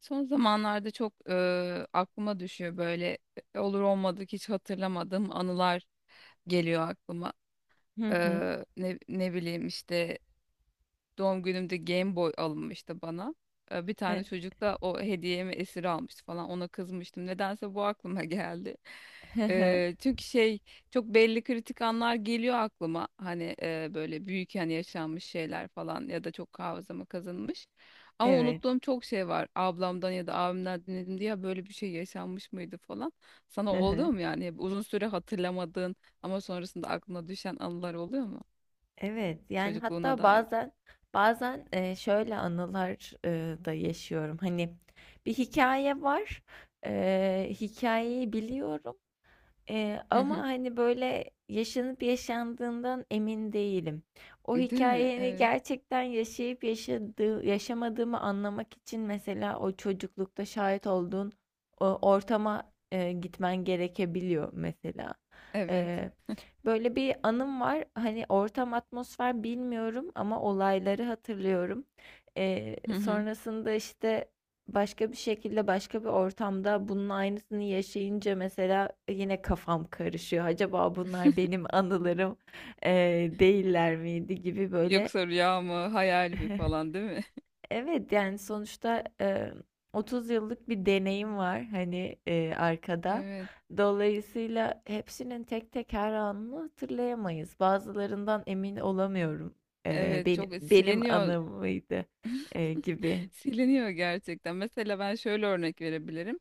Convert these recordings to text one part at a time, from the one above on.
Son zamanlarda çok aklıma düşüyor böyle olur olmadık hiç hatırlamadığım anılar geliyor aklıma. Hı E, hı. ne, ne bileyim işte doğum günümde Game Boy alınmıştı bana. Bir E, tane çocuk da o hediyemi esir almıştı falan. Ona kızmıştım. Nedense bu aklıma geldi. hı hı. Çünkü şey, çok belli kritik anlar geliyor aklıma. Hani böyle büyük, yani yaşanmış şeyler falan ya da çok hafızama kazınmış. Ama Evet. unuttuğum çok şey var. Ablamdan ya da abimden dinledim diye "Ya böyle bir şey yaşanmış mıydı" falan. Hı Sana oluyor hı. mu yani? Hep uzun süre hatırlamadığın ama sonrasında aklına düşen anılar oluyor mu? Evet. Yani Çocukluğuna hatta dair. bazen şöyle anılar da yaşıyorum. Hani bir hikaye var. Hikayeyi biliyorum. Ama, hani, böyle, yaşanıp yaşandığından emin değilim. O Değil mi? hikâyeyi Evet. gerçekten yaşayıp yaşadığı yaşamadığımı anlamak için mesela o çocuklukta şahit olduğun o ortama, gitmen gerekebiliyor mesela. Evet. Eee, böyle bir anım var. Hani, ortam, atmosfer bilmiyorum ama olayları hatırlıyorum. Eee, Hı hı. sonrasında, işte, başka bir şekilde başka bir ortamda bunun aynısını yaşayınca mesela yine kafam karışıyor. Acaba bunlar benim anılarım değiller miydi gibi böyle. Yoksa rüya mı, hayal mi falan, değil mi? Evet yani sonuçta 30 yıllık bir deneyim var hani arkada. Evet. Dolayısıyla hepsinin tek tek her anını hatırlayamayız. Bazılarından emin olamıyorum. Eee, Evet, benim çok benim siliniyor. anım mıydı gibi. Siliniyor gerçekten. Mesela ben şöyle örnek verebilirim.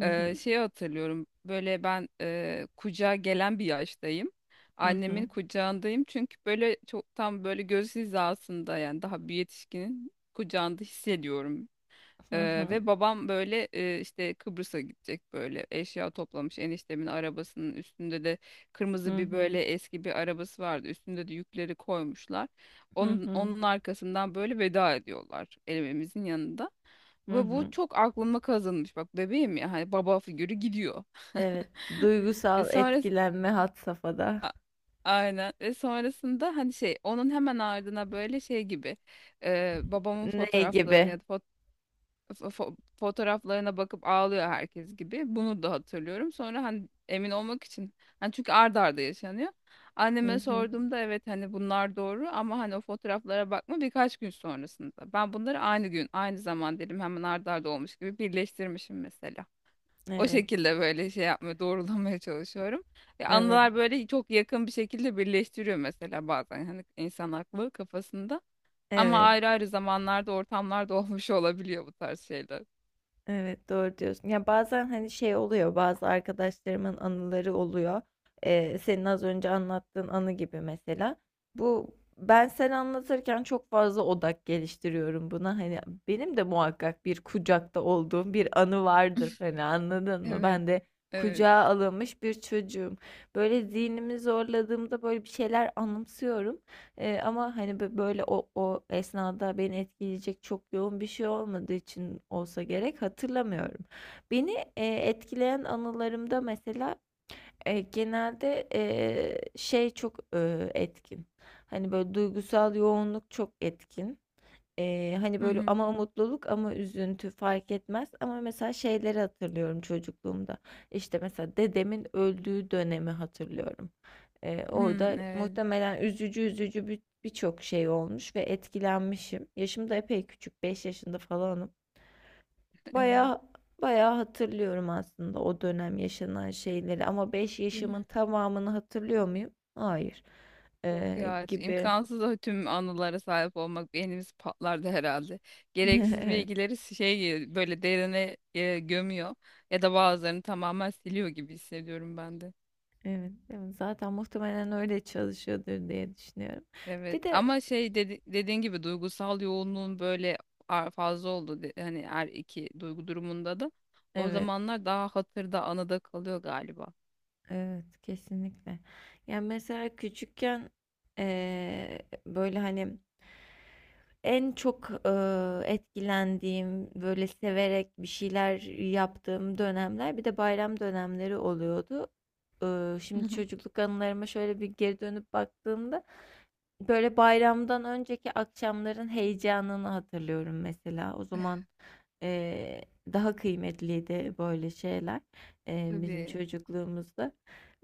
Hı hı. Şeyi hatırlıyorum. Böyle ben kucağa gelen bir yaştayım. Hı Annemin hı. kucağındayım. Çünkü böyle çok, tam böyle göz hizasında, yani daha bir yetişkinin kucağında hissediyorum. Hı hı. Ve babam böyle işte Kıbrıs'a gidecek, böyle eşya toplamış, eniştemin arabasının üstünde de kırmızı Hı bir hı. böyle eski bir arabası vardı, üstünde de yükleri koymuşlar, Hı onun, hı. onun arkasından böyle veda ediyorlar evimizin yanında, Hı ve bu hı. çok aklıma kazınmış. Bak bebeğim ya, hani baba figürü gidiyor. Evet. e Duygusal sonra etkilenme had safhada. a- aynen, ve sonrasında hani şey, onun hemen ardına böyle şey gibi, babamın Ne fotoğraflarını gibi? ya da fotoğraflarına bakıp ağlıyor herkes gibi. Bunu da hatırlıyorum. Sonra hani emin olmak için, hani çünkü ard arda yaşanıyor. Hı Anneme hı. sorduğumda evet, hani bunlar doğru ama hani o fotoğraflara bakma birkaç gün sonrasında. Ben bunları aynı gün, aynı zaman dedim, hemen ard arda olmuş gibi birleştirmişim mesela. O Evet. şekilde böyle şey yapmaya, doğrulamaya çalışıyorum. Evet. Anılar böyle çok yakın bir şekilde birleştiriyor mesela bazen, hani insan aklı kafasında. Ama Evet. ayrı ayrı zamanlarda, ortamlarda olmuş olabiliyor bu tarz şeyler. Evet doğru diyorsun. Ya bazen hani şey oluyor bazı arkadaşlarımın anıları oluyor. Senin az önce anlattığın anı gibi mesela. Bu ben sen anlatırken çok fazla odak geliştiriyorum buna. Hani benim de muhakkak bir kucakta olduğum bir anı vardır. Hani anladın mı? Evet. Ben de Evet. kucağa alınmış bir çocuğum. Böyle zihnimi zorladığımda böyle bir şeyler anımsıyorum. Ama, hani, böyle o esnada beni etkileyecek çok yoğun bir şey olmadığı için olsa gerek, hatırlamıyorum. Beni, etkileyen anılarımda mesela, genelde, şey çok, etkin, hani, böyle duygusal yoğunluk çok etkin. Hani, Hı böyle hı. ama mutluluk ama üzüntü fark etmez ama mesela şeyleri hatırlıyorum çocukluğumda. İşte, mesela dedemin öldüğü dönemi hatırlıyorum. Ee, Hı, orada evet. muhtemelen üzücü üzücü birçok şey olmuş ve etkilenmişim. Yaşım da epey küçük, 5 yaşında falanım. Evet. Baya baya hatırlıyorum aslında o dönem yaşanan şeyleri ama beş Değil yaşımın mi? tamamını hatırlıyor muyum? Hayır. Yok Ee, ya. gibi. İmkansız o tüm anılara sahip olmak. Beynimiz patlardı herhalde. Gereksiz bilgileri şey, böyle derine gömüyor. Ya da bazılarını tamamen siliyor gibi hissediyorum ben de. Evet, evet. Zaten muhtemelen öyle çalışıyordur diye düşünüyorum. Evet. Bir de Ama şey, dediğin gibi duygusal yoğunluğun böyle fazla oldu. Hani her iki duygu durumunda da. O evet, zamanlar daha hatırda, anıda kalıyor galiba. evet kesinlikle. Yani mesela küçükken böyle hani en çok, etkilendiğim, böyle, severek bir şeyler yaptığım dönemler bir de bayram dönemleri oluyordu. Şimdi çocukluk anılarıma şöyle bir geri dönüp baktığımda, böyle, bayramdan önceki akşamların heyecanını hatırlıyorum mesela. O zaman, eee, daha kıymetliydi böyle şeyler, bizim Tabii. çocukluğumuzda.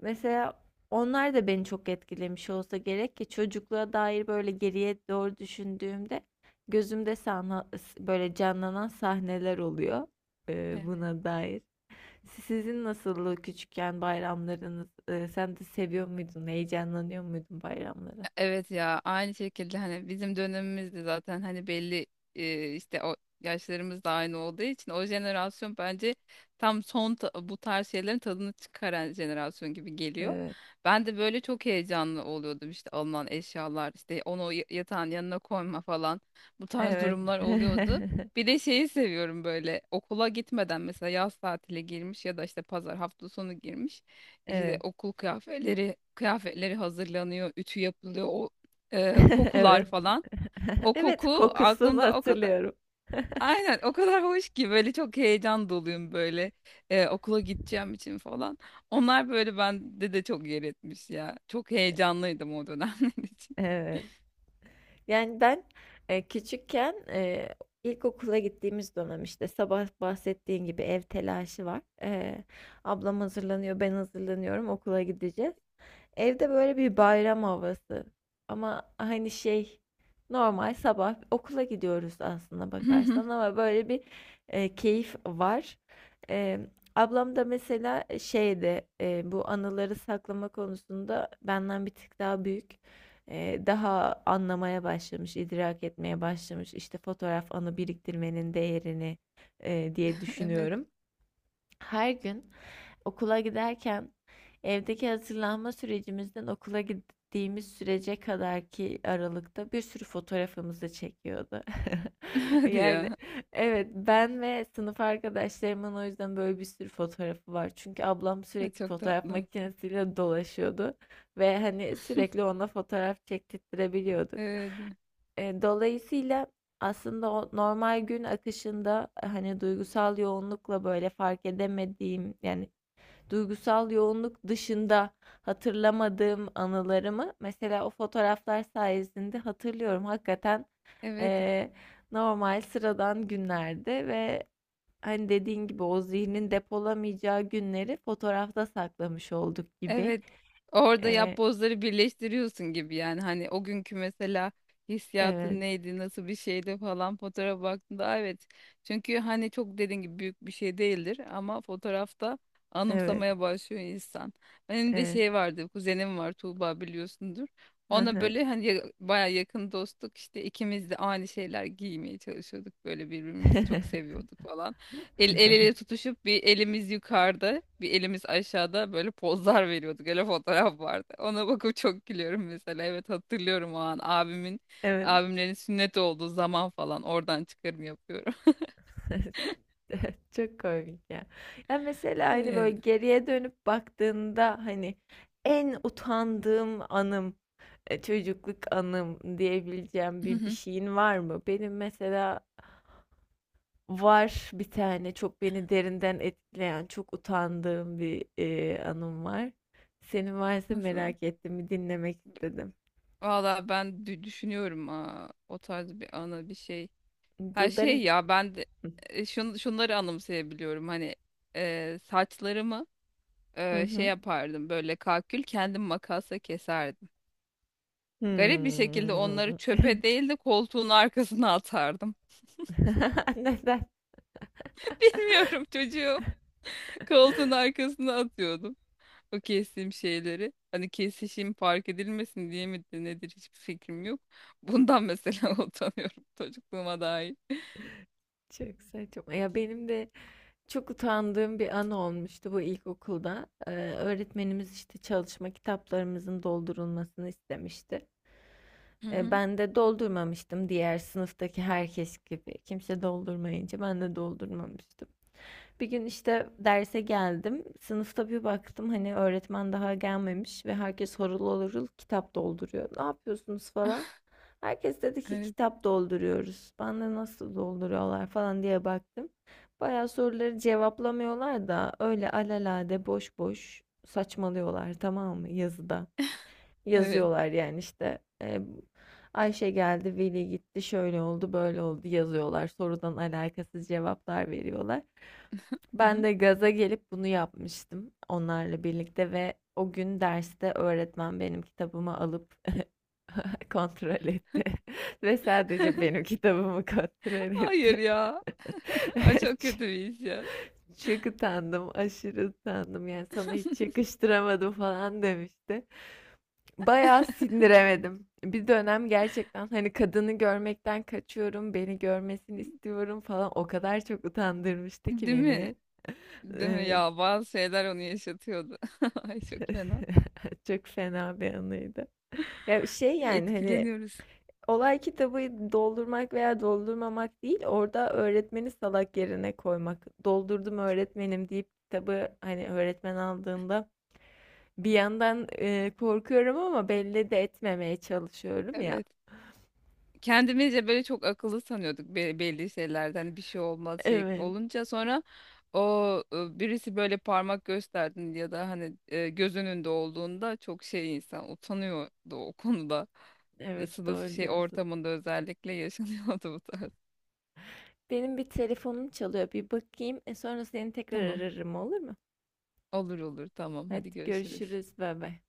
Mesela onlar da beni çok etkilemiş olsa gerek ki çocukluğa dair, böyle, geriye doğru düşündüğümde gözümde sana, böyle canlanan sahneler oluyor Evet. buna dair. Sizin nasıldı küçükken bayramlarınız? Sen de seviyor muydun? Heyecanlanıyor muydun bayramlara? Evet ya, aynı şekilde hani bizim dönemimizde zaten hani belli işte o yaşlarımız da aynı olduğu için, o jenerasyon bence tam bu tarz şeylerin tadını çıkaran jenerasyon gibi geliyor. Evet. Ben de böyle çok heyecanlı oluyordum işte, alınan eşyalar işte, onu yatağın yanına koyma falan, bu tarz Evet. durumlar oluyordu. Bir de şeyi seviyorum, böyle okula gitmeden mesela, yaz tatile girmiş ya da işte pazar, hafta sonu girmiş, işte Evet. okul kıyafetleri hazırlanıyor, ütü yapılıyor, o kokular Evet. falan. O Evet, koku kokusunu aklımda o kadar, hatırlıyorum. aynen o kadar hoş ki, böyle çok heyecan doluyum böyle, okula gideceğim için falan. Onlar böyle bende de çok yer etmiş ya. Çok heyecanlıydım o dönemler için. Evet. Yani ben küçükken ilkokula gittiğimiz dönem işte sabah bahsettiğin gibi ev telaşı var. Ablam hazırlanıyor, ben hazırlanıyorum, okula gideceğiz. Evde böyle bir bayram havası. Ama hani şey normal sabah okula gidiyoruz aslında bakarsan ama böyle bir keyif var. E, ablam da mesela şeyde bu anıları saklama konusunda benden bir tık daha büyük. Daha anlamaya başlamış, idrak etmeye başlamış. İşte fotoğraf anı biriktirmenin değerini diye Evet. düşünüyorum. Her gün okula giderken evdeki hazırlanma sürecimizden okula gittiğimiz sürece kadarki aralıkta bir sürü fotoğrafımızı çekiyordu. Hadi Yani ya. evet ben ve sınıf arkadaşlarımın o yüzden böyle bir sürü fotoğrafı var. Çünkü ablam Ay, sürekli çok fotoğraf tatlı. makinesiyle dolaşıyordu ve hani sürekli ona fotoğraf çektirttirebiliyorduk. Evet. Dolayısıyla aslında o normal gün akışında hani duygusal yoğunlukla böyle fark edemediğim yani duygusal yoğunluk dışında hatırlamadığım anılarımı mesela o fotoğraflar sayesinde hatırlıyorum. Hakikaten, Evet. eee, normal sıradan günlerde ve hani dediğin gibi o zihnin depolamayacağı günleri fotoğrafta saklamış olduk gibi. Evet. Orada Eee, yapbozları birleştiriyorsun gibi, yani hani o günkü mesela evet, hissiyatın neydi, nasıl bir şeydi falan, fotoğrafa baktığında "Aa, evet." Çünkü hani çok, dediğin gibi büyük bir şey değildir ama fotoğrafta evet, anımsamaya başlıyor insan. Benim de evet. şey vardı, kuzenim var Tuğba, biliyorsundur. Hı Ona hı. böyle hani baya yakın dostluk, işte ikimiz de aynı şeyler giymeye çalışıyorduk, böyle birbirimizi çok seviyorduk falan. El ele tutuşup bir elimiz yukarıda, bir elimiz aşağıda, böyle pozlar veriyorduk. Öyle fotoğraf vardı. Ona bakıp çok gülüyorum mesela. Evet, hatırlıyorum o an abimin, Evet. abimlerin sünnet olduğu zaman falan, oradan çıkarım yapıyorum. Çok komik ya. Ya mesela hani Evet. böyle geriye dönüp baktığında hani en utandığım anım, çocukluk anım diyebileceğim Hı bir hı. şeyin var mı? Benim mesela var bir tane çok beni derinden etkileyen, çok utandığım bir anım var. Senin varsa Nasıl? merak ettim, bir dinlemek istedim. Valla ben düşünüyorum, aa, o tarz bir anı bir şey. Dur Her şey ben... ya, ben de e, şun, şunları anımsayabiliyorum. Hani saçlarımı Hı şey hı. yapardım, böyle kalkül kendim makasla keserdim. Garip bir şekilde onları Hmm. çöpe değil de koltuğun arkasına atardım. Neden? Bilmiyorum çocuğum. Koltuğun arkasına atıyordum, o kestiğim şeyleri. Hani kesişim fark edilmesin diye mi de nedir, hiçbir fikrim yok. Bundan mesela utanıyorum çocukluğuma dair. Çok saçma. Ya benim de çok utandığım bir an olmuştu bu ilkokulda. Öğretmenimiz işte çalışma kitaplarımızın doldurulmasını istemişti. Hı Ee, hı. ben de doldurmamıştım diğer sınıftaki herkes gibi. Kimse doldurmayınca ben de doldurmamıştım. Bir gün işte derse geldim. Sınıfta bir baktım hani öğretmen daha gelmemiş ve herkes horul horul kitap dolduruyor. Ne yapıyorsunuz falan. Herkes dedi ki Evet. kitap dolduruyoruz. Ben de nasıl dolduruyorlar falan diye baktım. Bayağı soruları cevaplamıyorlar da öyle alelade boş boş saçmalıyorlar tamam mı yazıda. Evet. Yazıyorlar yani işte Ayşe geldi, Veli gitti, şöyle oldu, böyle oldu yazıyorlar. Sorudan alakasız cevaplar veriyorlar. Hı Ben hı. de gaza gelip bunu yapmıştım onlarla birlikte ve o gün derste öğretmen benim kitabımı alıp kontrol etti ve sadece benim kitabımı kontrol Hayır etti. ya. Ay çok kötü Ç- bir iş ya. Çok utandım, aşırı utandım. Yani sana hiç yakıştıramadım falan demişti. Bayağı sindiremedim. Bir dönem gerçekten hani kadını görmekten kaçıyorum, beni görmesini istiyorum falan. O kadar çok utandırmıştı ki Değil mi? beni. Değil mi Ee, ya? Bazı şeyler onu yaşatıyordu. Ay çok fena. Çok fena bir anıydı. Ya şey yani hani Etkileniyoruz. olay kitabı doldurmak veya doldurmamak değil, orada öğretmeni salak yerine koymak. Doldurdum öğretmenim deyip kitabı hani öğretmen aldığında bir yandan korkuyorum ama belli de etmemeye çalışıyorum ya. Evet. Kendimizce böyle çok akıllı sanıyorduk, belli şeylerden, hani bir şey olmaz şey Evet, olunca, sonra o birisi böyle parmak gösterdin ya da hani göz önünde olduğunda çok şey, insan utanıyordu o konuda. Evet Sınıf doğru şey diyorsun. ortamında özellikle yaşanıyordu bu tarz. Benim bir telefonum çalıyor. Bir bakayım. Sonra seni tekrar Tamam. ararım olur mu? Olur olur, tamam, hadi Hadi görüşürüz. görüşürüz. Bay bay.